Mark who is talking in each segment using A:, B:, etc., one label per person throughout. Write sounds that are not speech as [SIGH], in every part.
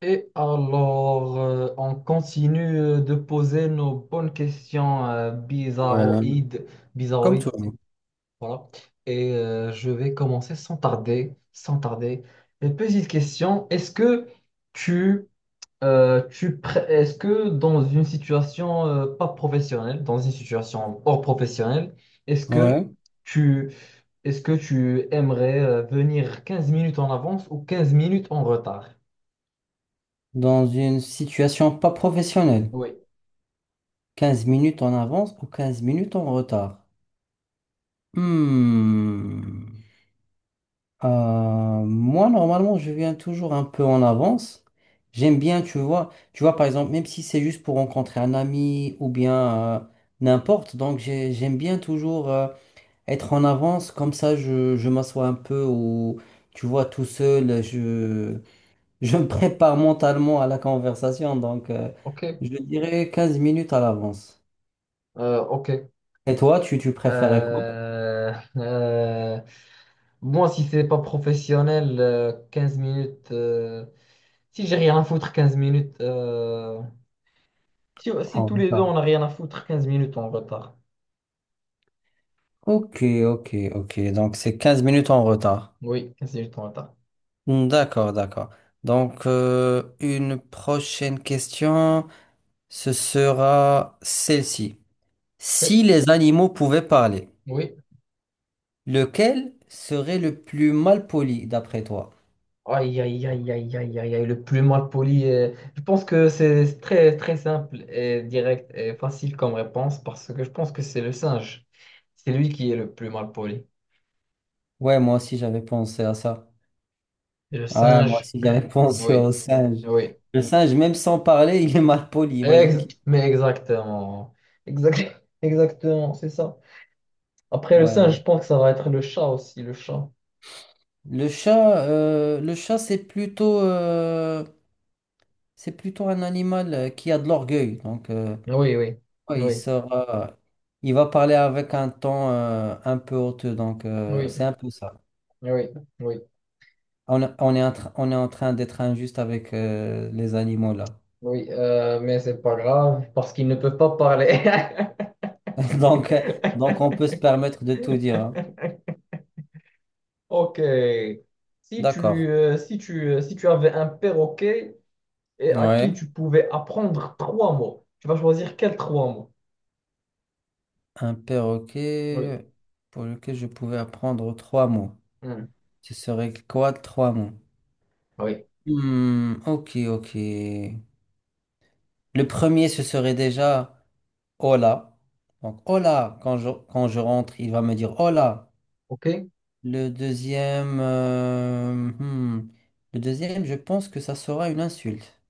A: Et alors, on continue de poser nos bonnes questions
B: Ouais,
A: bizarroïdes,
B: comme
A: bizarroïdes,
B: toi.
A: voilà. Et je vais commencer sans tarder, sans tarder. Une petite question, est-ce que tu, est-ce que dans une situation pas professionnelle, dans une situation hors professionnelle, est-ce que
B: Ouais.
A: tu, est-ce que tu aimerais venir 15 minutes en avance ou 15 minutes en retard?
B: Dans une situation pas professionnelle.
A: Oui.
B: Quinze minutes en avance ou 15 minutes en retard. Hmm. Moi, normalement, je viens toujours un peu en avance. J'aime bien, tu vois, par exemple, même si c'est juste pour rencontrer un ami ou bien n'importe, donc j'aime bien toujours être en avance, comme ça je m'assois un peu ou, tu vois, tout seul, je me prépare mentalement à la conversation, donc
A: Ok.
B: je dirais 15 minutes à l'avance.
A: Ok.
B: Et toi, tu préférais quoi?
A: Euh, euh, moi, si c'est pas professionnel, 15 minutes. Si j'ai rien à foutre, 15 minutes. Si
B: En
A: tous les deux,
B: retard.
A: on a rien à foutre, 15 minutes en retard.
B: Ok, ok, ok. Donc c'est 15 minutes en retard.
A: Oui, quinze minutes en retard.
B: Hmm, d'accord, d'accord. Donc une prochaine question, ce sera celle-ci.
A: Oui.
B: Si les animaux pouvaient parler,
A: Oui.
B: lequel serait le plus mal poli d'après toi?
A: Aïe, aïe, aïe, aïe, aïe, aïe, aïe, le plus mal poli. Je pense que c'est très, très simple et direct et facile comme réponse parce que je pense que c'est le singe. C'est lui qui est le plus mal poli.
B: Ouais, moi aussi j'avais pensé à ça.
A: Le
B: Ah ouais, moi
A: singe,
B: aussi, j'avais [LAUGHS] pensé
A: oui.
B: au singe.
A: Oui.
B: Le singe, même sans parler, [LAUGHS] il est mal poli. Imagine
A: Ex-
B: qu'il.
A: mais exactement. [LAUGHS] Exactement, c'est ça. Après le
B: Ouais.
A: singe, je pense que ça va être le chat aussi, le chat.
B: Le chat, c'est plutôt un animal qui a de l'orgueil. Donc,
A: Oui, oui,
B: ouais, il
A: oui,
B: sera, il va parler avec un ton un peu hauteux. Donc,
A: oui,
B: c'est un peu ça.
A: oui, oui,
B: On est en train d'être injuste avec les animaux là.
A: oui. Mais c'est pas grave parce qu'ils ne peuvent pas parler.
B: [LAUGHS] Donc, donc, on
A: [LAUGHS]
B: peut se permettre de tout dire, hein.
A: Ok. Si tu,
B: D'accord.
A: euh, si tu, euh, si tu avais un perroquet et à qui
B: Ouais.
A: tu pouvais apprendre trois mots, tu vas choisir quels trois mots?
B: Un
A: Oui.
B: perroquet pour lequel je pouvais apprendre trois mots.
A: Hmm.
B: Ce serait quoi trois mots?
A: Oui.
B: Hmm, ok, ok. Le premier, ce serait déjà hola. Donc hola, quand quand je rentre, il va me dire hola.
A: Ok.
B: Le deuxième, euh, hmm, le deuxième, je pense que ça sera une insulte.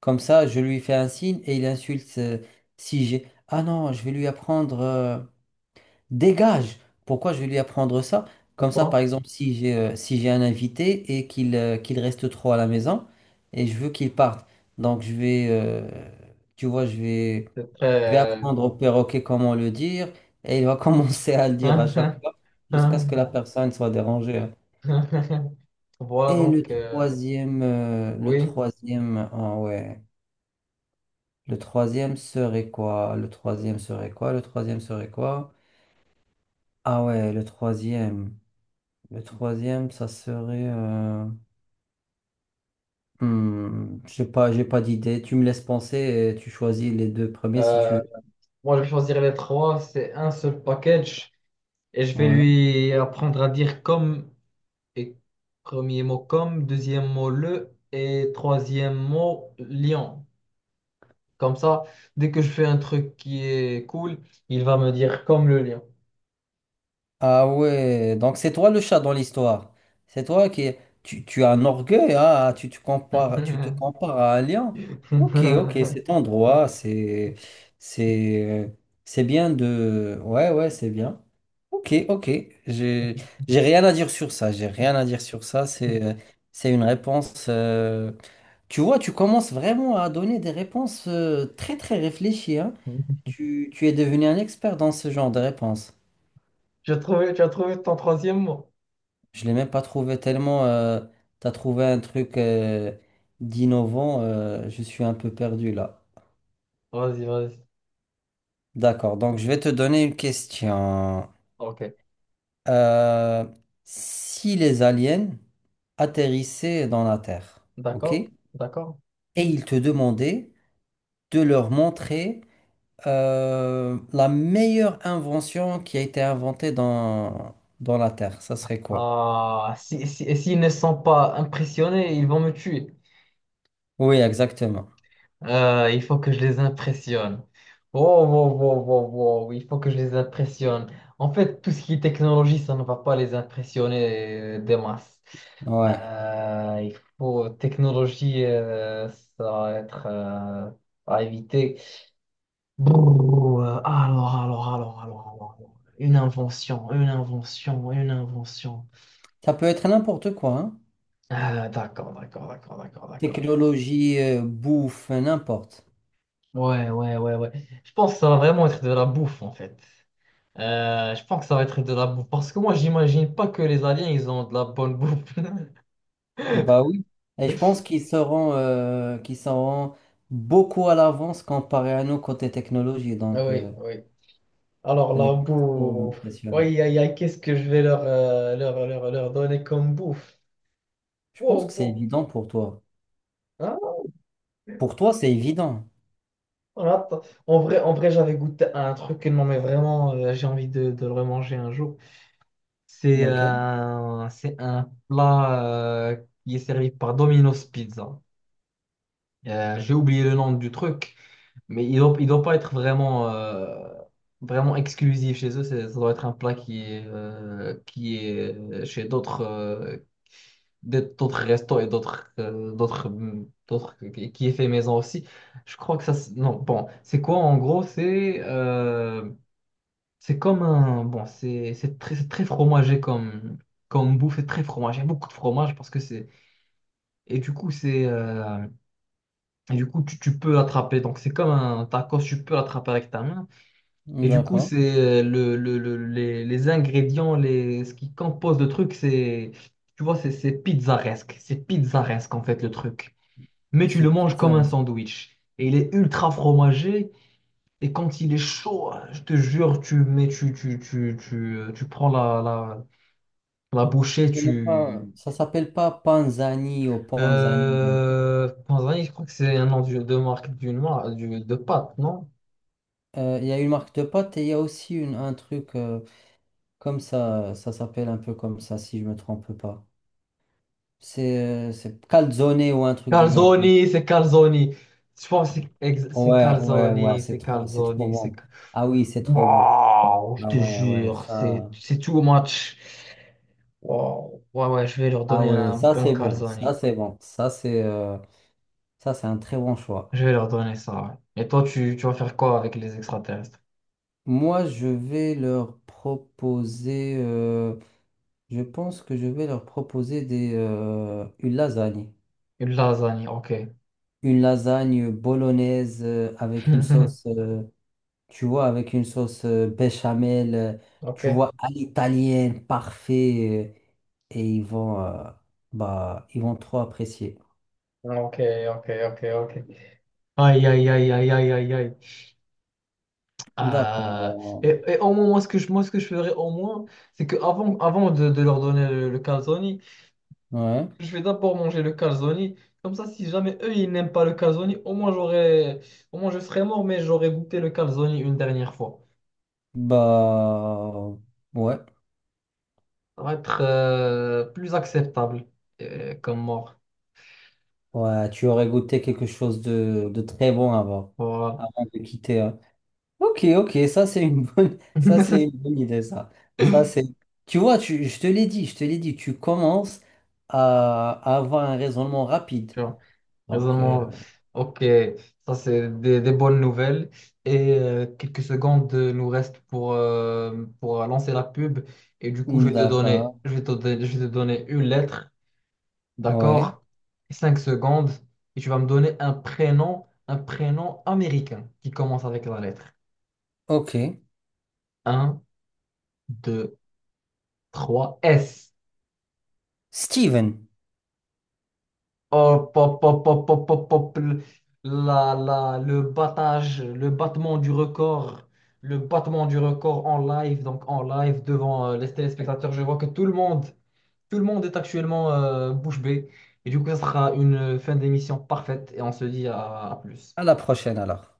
B: Comme ça, je lui fais un signe et il insulte si j'ai. Ah non, je vais lui apprendre, dégage! Pourquoi je vais lui apprendre ça? Comme ça, par
A: Pourquoi?
B: ouais exemple, si j'ai si j'ai un invité et qu'il reste trop à la maison et je veux qu'il parte, donc tu vois,
A: C'est
B: je vais
A: très...
B: apprendre au perroquet comment le dire et il va [LAUGHS] commencer à le dire à chaque
A: euh,
B: fois jusqu'à ce que la
A: [LAUGHS]
B: personne soit dérangée, hein.
A: [LAUGHS] Voilà donc,
B: Le
A: oui.
B: troisième, ah ouais, le troisième serait quoi? Le troisième serait quoi? Le troisième serait quoi? Ah ouais, le troisième. Le troisième, ça serait... hmm, j'ai pas d'idée. Tu me laisses penser et tu choisis les deux premiers si tu
A: Euh,
B: veux.
A: moi, je vais choisir les trois. C'est un seul package et je vais
B: Ouais.
A: lui apprendre à dire comme et premier mot comme, deuxième mot le et troisième mot lion. Comme ça, dès que je fais un truc qui est cool, il va me dire comme le lion.
B: Ah ouais, donc c'est toi le chat dans l'histoire. C'est toi qui... tu as un orgueil, hein, ah, tu compares, tu te compares à un lion. Ok, ok, cet
A: [LAUGHS]
B: endroit, c'est... C'est... C'est bien de... Ouais, ouais, c'est bien. Ok, ok, j'ai j'ai rien à dire sur ça, j'ai rien à dire sur ça, c'est une réponse... tu vois, tu commences vraiment à donner des réponses très très réfléchies, hein. Tu es devenu un expert dans ce genre de réponses.
A: Tu as trouvé ton troisième mot?
B: Je l'ai même pas trouvé tellement. T'as trouvé un truc d'innovant. Je suis un peu perdu là.
A: Vas-y, vas-y.
B: D'accord. Donc je vais te donner une question.
A: Ok,
B: Euh, si les aliens atterrissaient dans la Terre, ok,
A: d'accord,
B: et
A: d'accord.
B: ils te demandaient de leur montrer la meilleure invention qui a été inventée dans la Terre, ça serait quoi?
A: Ah, si, si, et s'ils ne sont pas impressionnés, ils vont me tuer.
B: Oui, exactement.
A: Il faut que je les impressionne. Oh, wow, wow, wow, wow, il faut que je les impressionne. En fait, tout ce qui est technologie, ça ne va pas les impressionner des masses.
B: Ouais.
A: Il faut technologie, ça va être à éviter. Brrr, alors, alors. Une invention, une invention, une invention.
B: Ça peut être n'importe quoi, hein.
A: Ah, d'accord, d'accord, d'accord, d'accord, d'accord.
B: Technologie bouffe, n'importe.
A: Ouais, ouais, ouais, ouais. Je pense que ça va vraiment être de la bouffe, en fait. Je pense que ça va être de la bouffe. Parce que moi, j'imagine pas que les aliens, ils ont de la bonne bouffe.
B: Bah
A: [LAUGHS]
B: oui. Et je pense qu'ils seront beaucoup à l'avance comparé à nous côté technologie.
A: Ah
B: Donc,
A: oui,
B: euh,
A: oui. Alors
B: ce n'est
A: la
B: pas trop
A: bouffe. Oui,
B: impressionnant.
A: aïe, aïe, aïe, qu'est-ce que je vais leur donner comme bouffe?
B: Je pense
A: Oh
B: que c'est
A: oh.
B: évident pour toi.
A: Hein?
B: Pour toi, c'est évident.
A: On attend. En vrai, j'avais goûté à un truc, non mais vraiment, j'ai envie de le remanger un jour. C'est
B: Lequel?
A: euh, c'est un plat euh, qui est servi par Domino's Pizza. J'ai oublié le nom du truc, mais il doit pas être vraiment, vraiment exclusif chez eux. Ça doit être un plat qui est chez d'autres d'autres restos et d'autres qui est fait maison aussi. Je crois que ça. C'est- Non, bon, c'est quoi en gros? C'est comme un bon, c'est très C'est très fromagé comme bouffe, c'est très fromagé, beaucoup de fromage parce que c'est et du coup c'est Et du coup, tu peux l'attraper. Donc, c'est comme un tacos, tu peux l'attraper avec ta main. Et du coup,
B: D'accord.
A: c'est les ingrédients, ce qui compose le truc, c'est, tu vois, c'est pizzaresque. C'est pizzaresque, en fait, le truc. Mais tu
B: C'est
A: le manges comme un
B: pittoresque.
A: sandwich. Et il est ultra fromagé. Et quand il est chaud, je te jure, tu mets, tu, tu prends la bouchée,
B: Ce n'est pas,
A: tu.
B: ça s'appelle pas Panzani ou Panzani.
A: Je crois que c'est un nom de marque d'une marque, de pâte, non?
B: Il y a une marque de pâte et il y a aussi une, un truc comme ça. Ça s'appelle un peu comme ça, si je me trompe pas. C'est calzone ou un truc du genre.
A: Calzoni, c'est Calzoni. Je pense que c'est
B: Ouais, ouais, ouais,
A: Calzoni, c'est
B: c'est trop
A: Calzoni, c'est...
B: bon.
A: Cal-
B: Ah oui, c'est trop bon.
A: Waouh, je
B: Ah
A: te
B: ouais, ouais,
A: jure, c'est
B: ça.
A: c'est too much. Waouh, Ouais, ouais, je vais leur
B: Ah
A: donner
B: ouais,
A: un
B: ça
A: bon
B: c'est bon.
A: Calzoni.
B: Ça c'est bon. Ça c'est un très bon
A: Je
B: choix.
A: vais leur donner ça. Ouais. Et toi, tu vas faire quoi avec les extraterrestres?
B: Moi, je vais leur proposer. Je pense que je vais leur proposer des une lasagne.
A: Une lasagne, ok.
B: Une lasagne bolognaise avec une
A: [LAUGHS]
B: sauce. Tu vois, avec une sauce béchamel,
A: Ok,
B: tu vois, à l'italienne, parfait, et ils vont, bah, ils vont trop apprécier.
A: ok, ok, ok, ok. Aïe, aïe, aïe, aïe, aïe, aïe, aïe. Ah,
B: D'accord.
A: et au moins, moi, ce que je ferais au moins, c'est que avant de leur donner le calzone,
B: Ouais.
A: je vais d'abord manger le calzone. Comme ça, si jamais eux, ils n'aiment pas le calzone, au moins je serais mort, mais j'aurais goûté le calzone une dernière fois.
B: Bah, ouais.
A: Ça va être plus acceptable comme mort.
B: Ouais, tu aurais goûté quelque chose de très bon avant,
A: Voilà.
B: avant de quitter, hein. Ok, ok, ça c'est une bonne, [LAUGHS] ça c'est une
A: [LAUGHS]
B: bonne idée, ça. Ça c'est, tu vois, je te l'ai dit, je te l'ai dit, tu commences à avoir un raisonnement rapide.
A: Tu vois,
B: Donc,
A: raisonnement.
B: euh,
A: Ok, ça c'est des bonnes nouvelles. Et quelques secondes nous restent pour lancer la pub. Et du coup,
B: D'accord,
A: je vais te donner une lettre.
B: ouais,
A: D'accord? Cinq secondes et tu vas me donner un prénom américain qui commence avec la lettre.
B: ok.
A: Un, 2, 3, S.
B: Steven,
A: Hop, hop, hop, hop, hop, hop, hop. Le battage, le battement du record, le battement du record en live, donc en live devant les téléspectateurs. Je vois que tout le monde est actuellement bouche bée. Et du coup, ça sera une fin d'émission parfaite et on se dit à plus.
B: à la prochaine alors.